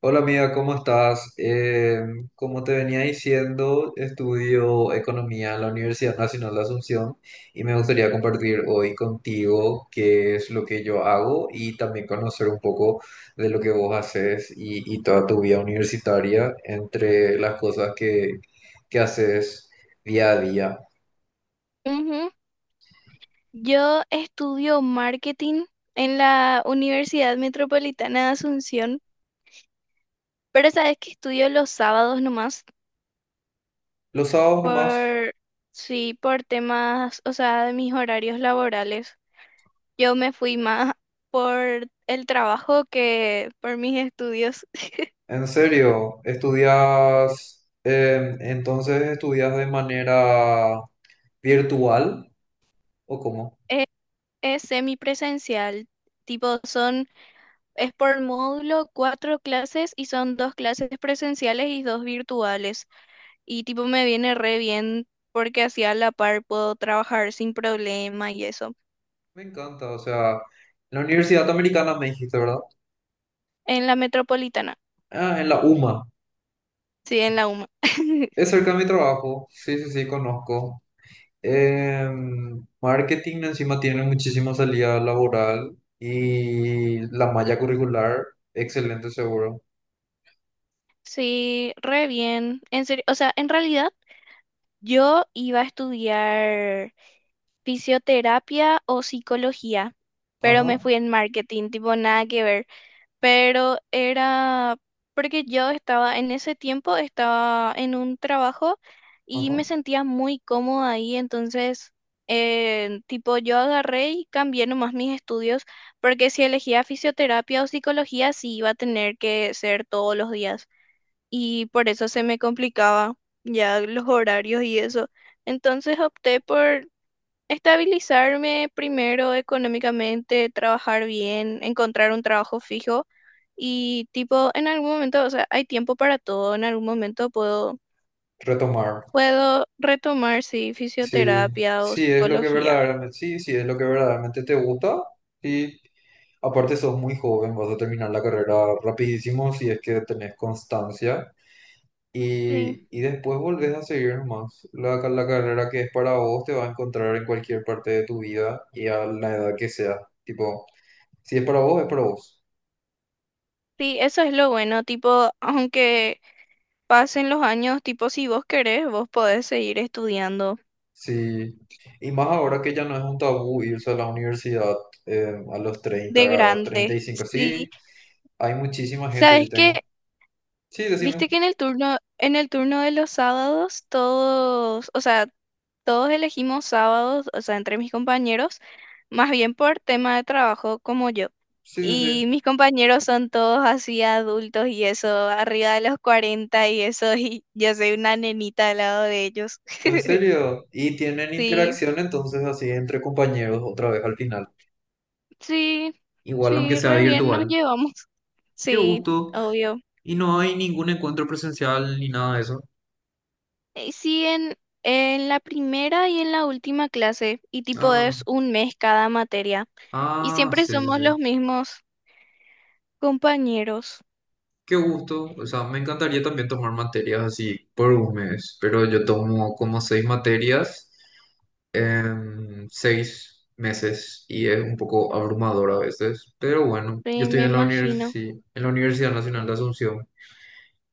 Hola amiga, ¿cómo estás? Como te venía diciendo, estudio economía en la Universidad Nacional de Asunción y me gustaría compartir hoy contigo qué es lo que yo hago y también conocer un poco de lo que vos haces y toda tu vida universitaria entre las cosas que haces día a día. Ujú. Yo estudio marketing en la Universidad Metropolitana de Asunción, pero sabes que estudio los sábados nomás Los sábados nomás, por, sí, por temas, o sea, de mis horarios laborales. Yo me fui más por el trabajo que por mis estudios. en serio, estudias, entonces estudias de manera virtual. ¿O cómo? Es, es semipresencial, tipo son, es por módulo 4 clases y son 2 clases presenciales y 2 virtuales. Y tipo me viene re bien porque así a la par puedo trabajar sin problema y eso. Me encanta, o sea, en la Universidad Americana me dijiste, ¿verdad? En la metropolitana, Ah, en la UMA. sí, en la UMA. Es cerca de mi trabajo. Sí, sí, sí, conozco. Marketing encima tiene muchísima salida laboral y la malla curricular, excelente seguro. Sí, re bien. En serio, o sea, en realidad yo iba a estudiar fisioterapia o psicología, pero Ajá, me fui en marketing, tipo nada que ver. Pero era porque yo estaba, en ese tiempo estaba en un trabajo y me ajá. sentía muy cómoda ahí, entonces, tipo, yo agarré y cambié nomás mis estudios, porque si elegía fisioterapia o psicología, sí iba a tener que ser todos los días y por eso se me complicaba ya los horarios y eso. Entonces opté por estabilizarme primero económicamente, trabajar bien, encontrar un trabajo fijo y tipo, en algún momento, o sea, hay tiempo para todo, en algún momento Retomar. puedo retomar, sí, Sí, fisioterapia o sí, es lo que psicología. verdaderamente, sí, sí, es lo que verdaderamente te gusta. Y aparte sos muy joven, vas a terminar la carrera rapidísimo si es que tenés constancia. Sí, Y después volvés a seguir nomás. La carrera que es para vos te va a encontrar en cualquier parte de tu vida y a la edad que sea. Tipo, si es para vos, es para vos. sí, eso es lo bueno, tipo, aunque pasen los años, tipo, si vos querés, vos podés seguir estudiando Sí. Y más ahora que ya no es un tabú irse a la universidad a los de 30, a treinta grande. y cinco Sí, Sí, hay muchísima gente, yo sabes tengo. que, Sí, decime. viste que en el turno de los sábados, todos, o sea, todos elegimos sábados, o sea, entre mis compañeros, más bien por tema de trabajo como yo. Sí, sí, sí. Y mis compañeros son todos así adultos y eso, arriba de los 40 y eso, y yo soy una nenita al lado de ellos. En serio. Y tienen Sí, interacción entonces así entre compañeros otra vez al final. sí, Igual aunque sí, sea re bien nos virtual. llevamos. Qué Sí, gusto. obvio. Y no hay ningún encuentro presencial ni nada de eso. Eh, Sí, en, en la primera y en la última clase, y tipo Ah, es un mes cada materia, y ah, siempre sí, sí, somos sí. los mismos compañeros. Qué gusto. O sea, me encantaría también tomar materias así por un mes, pero yo tomo como seis materias en 6 meses y es un poco abrumador a veces. Pero bueno, yo Sí, estoy me en la imagino. en la Universidad Nacional de Asunción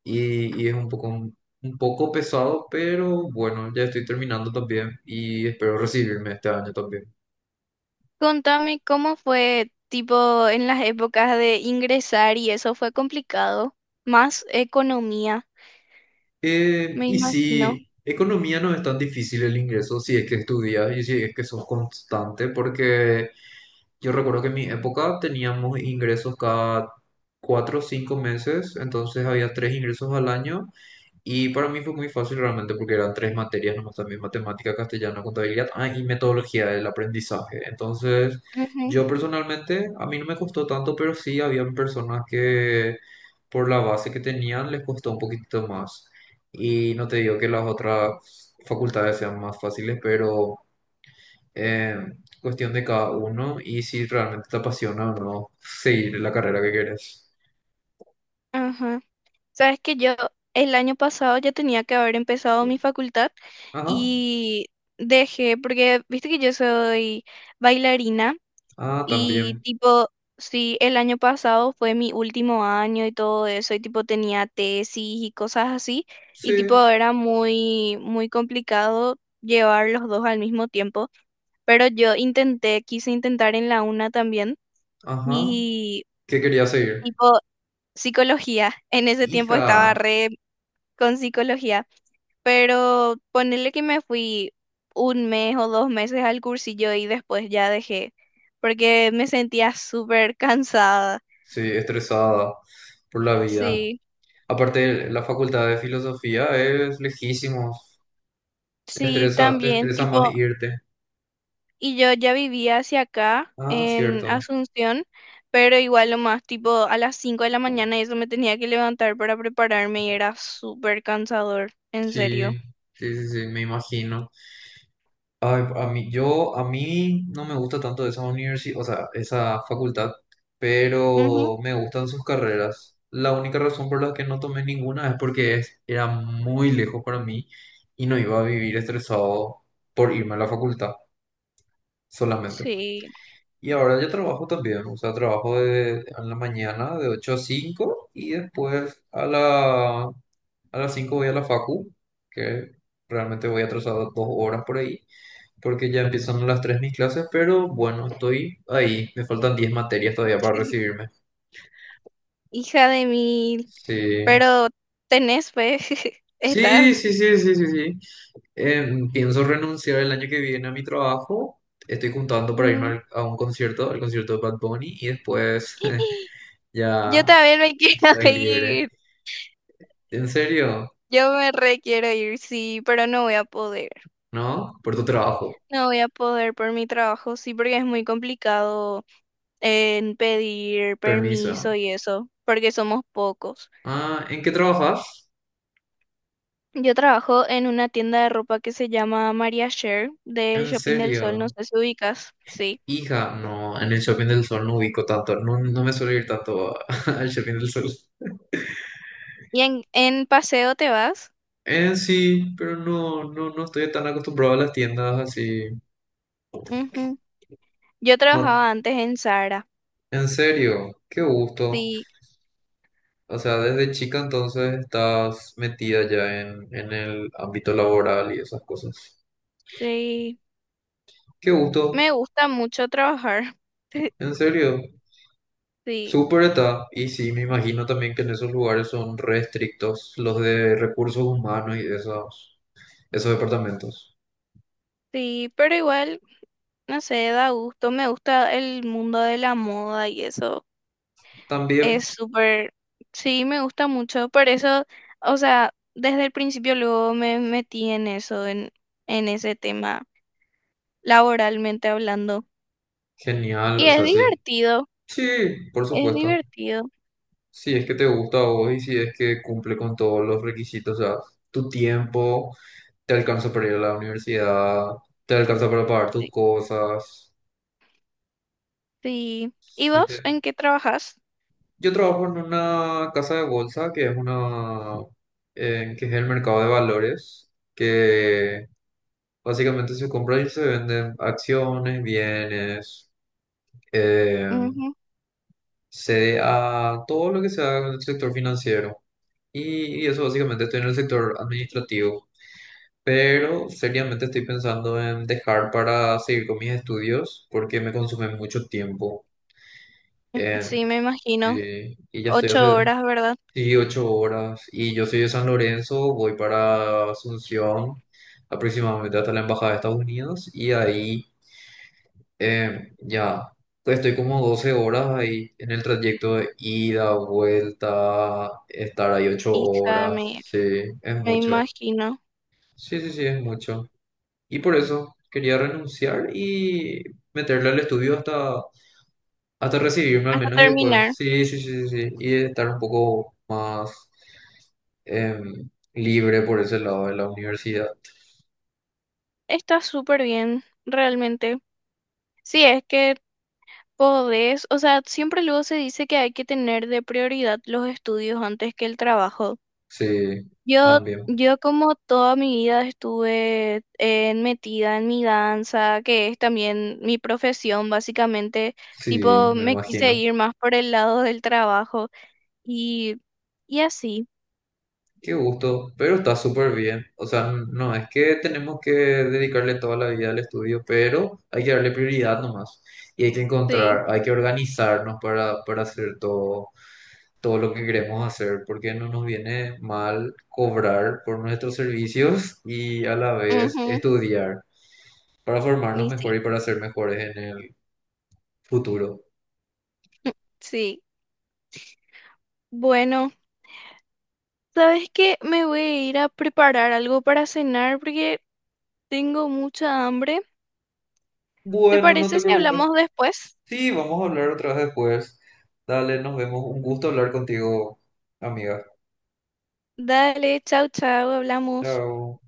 y es un poco pesado, pero bueno, ya estoy terminando también y espero recibirme este año también. Contame cómo fue, tipo, en las épocas de ingresar y eso fue complicado. Más economía, me Y imagino. sí, economía no es tan difícil el ingreso si es que estudias y si es que sos constante, porque yo recuerdo que en mi época teníamos ingresos cada 4 o 5 meses, entonces había tres ingresos al año y para mí fue muy fácil realmente porque eran tres materias nomás también, matemática, castellano, contabilidad, y metodología del aprendizaje. Entonces, Ujú, yo personalmente, a mí no me costó tanto, pero sí habían personas que por la base que tenían les costó un poquitito más. Y no te digo que las otras facultades sean más fáciles, pero eh, cuestión de cada uno y si realmente te apasiona o no seguir la carrera que quieres. ajá. Sabes que yo el año pasado ya tenía que haber empezado mi facultad Ajá, y dejé, porque viste que yo soy bailarina. ah, Y también. tipo, sí, el año pasado fue mi último año y todo eso, y tipo tenía tesis y cosas así, y tipo Sí, era muy, muy complicado llevar los dos al mismo tiempo, pero yo intenté, quise intentar en la una también, ajá. y ¿Qué quería seguir? tipo psicología, en ese tiempo estaba Hija, re con psicología, pero ponerle que me fui 1 mes o 2 meses al cursillo y después ya dejé, porque me sentía súper cansada. sí, estresada por la vida. Sí, Aparte, la facultad de filosofía es lejísimos. Sí, Te también, estresa más tipo, irte. y yo ya vivía hacia acá Ah, en cierto. Asunción, pero igual lo más, tipo, a las 5 de la mañana y eso me tenía que levantar para prepararme y era súper cansador, en serio. Sí, sí, sí, sí, me imagino. Ay, a mí, yo, a mí no me gusta tanto esa universidad, o sea, esa facultad, Ujú. pero me gustan sus carreras. La única razón por la que no tomé ninguna es porque era muy lejos para mí y no iba a vivir estresado por irme a la facultad solamente. Sí, Y ahora yo trabajo también, o sea, trabajo en la mañana de 8 a 5 y después a a las 5 voy a la facu, que realmente voy atrasado 2 horas por ahí, porque ya empiezan a las 3 mis clases, pero bueno, estoy ahí, me faltan 10 materias todavía para recibirme. hija de mil, Sí, pero tenés fe, sí, estás. sí, sí, sí, sí, sí. Pienso renunciar el año que viene a mi trabajo. Estoy juntando para irme Mm. a un concierto, al concierto de Bad Bunny, y después Yo ya también me estoy quiero libre. ir, ¿En serio? yo me re quiero ir, sí, pero no voy a poder, ¿No? Por tu trabajo. no voy a poder por mi trabajo, sí, porque es muy complicado en pedir Permiso. permiso y eso, porque somos pocos. Ah, ¿en qué trabajas? Yo trabajo en una tienda de ropa que se llama Maria Share del ¿En Shopping del Sol, no serio? sé si ubicas, sí. Hija, no, en el Shopping del Sol no ubico tanto. No, no me suelo ir tanto al Shopping del Sol. ¿Y en paseo te vas? En sí, pero no, no, no estoy tan acostumbrado a las tiendas así. Ujú. Yo No, trabajaba antes en Zara, en serio, qué gusto. sí, O sea, desde chica entonces estás metida ya en, el ámbito laboral y esas cosas. sí. Qué gusto, Me gusta mucho trabajar, en serio. sí, Súper está, y sí, me imagino también que en esos lugares son restrictos los de recursos humanos y esos departamentos. sí, pero igual, no sé, da gusto, me gusta el mundo de la moda y eso. También, Es súper, sí, me gusta mucho. Por eso, o sea, desde el principio luego me metí en eso, en ese tema, laboralmente hablando. genial, Y o es sea, sí. divertido, Sí, por es supuesto. divertido. Si es que te gusta a vos y si es que cumple con todos los requisitos, o sea, tu tiempo, te alcanza para ir a la universidad, te alcanza para pagar tus Sí, cosas. sí. ¿Y Sí, vos te... en qué trabajas? Yo trabajo en una casa de bolsa que es una, que es el mercado de valores, que básicamente se compran y se venden acciones, bienes, eh, Ujú. CDA, todo lo que sea en el sector financiero. Y eso básicamente estoy en el sector administrativo. Pero seriamente estoy pensando en dejar para seguir con mis estudios porque me consume mucho tiempo. Eh, Sí, me imagino. y ya estoy Ocho hace. horas, ¿verdad? Sí, 8 horas. Y yo soy de San Lorenzo, voy para Asunción, aproximadamente hasta la Embajada de Estados Unidos, y ahí ya estoy como 12 horas ahí en el trayecto de ida, vuelta, estar ahí ocho Hija, horas. me, Sí, es me mucho. imagino. Sí, sí, sí, es mucho. Y por eso quería renunciar y meterle al estudio hasta recibirme al Hasta menos y después, terminar. sí, sí, sí, sí, sí, y estar un poco más em, libre por ese lado de la universidad. Está súper bien, realmente. Sí, es que podés, o sea, siempre luego se dice que hay que tener de prioridad los estudios antes que el trabajo. Sí, Yo, también, yo como toda mi vida estuve metida en mi danza, que es también mi profesión, básicamente, sí, tipo, me me quise imagino. ir más por el lado del trabajo y, y así, Qué gusto, pero está súper bien. O sea, no es que tenemos que dedicarle toda la vida al estudio, pero hay que darle prioridad nomás. Y hay que sí, encontrar, hay que organizarnos para hacer todo lo que queremos hacer, porque no nos viene mal cobrar por nuestros servicios y a la vez ujú, estudiar para formarnos y mejor sí, y para ser mejores en el futuro. sí. Bueno, ¿sabes qué? Me voy a ir a preparar algo para cenar porque tengo mucha hambre. ¿Te Bueno, no parece te si preocupes. hablamos después? Sí, vamos a hablar otra vez después. Dale, nos vemos. Un gusto hablar contigo, amiga. Dale, chau, chau, hablamos. Chao.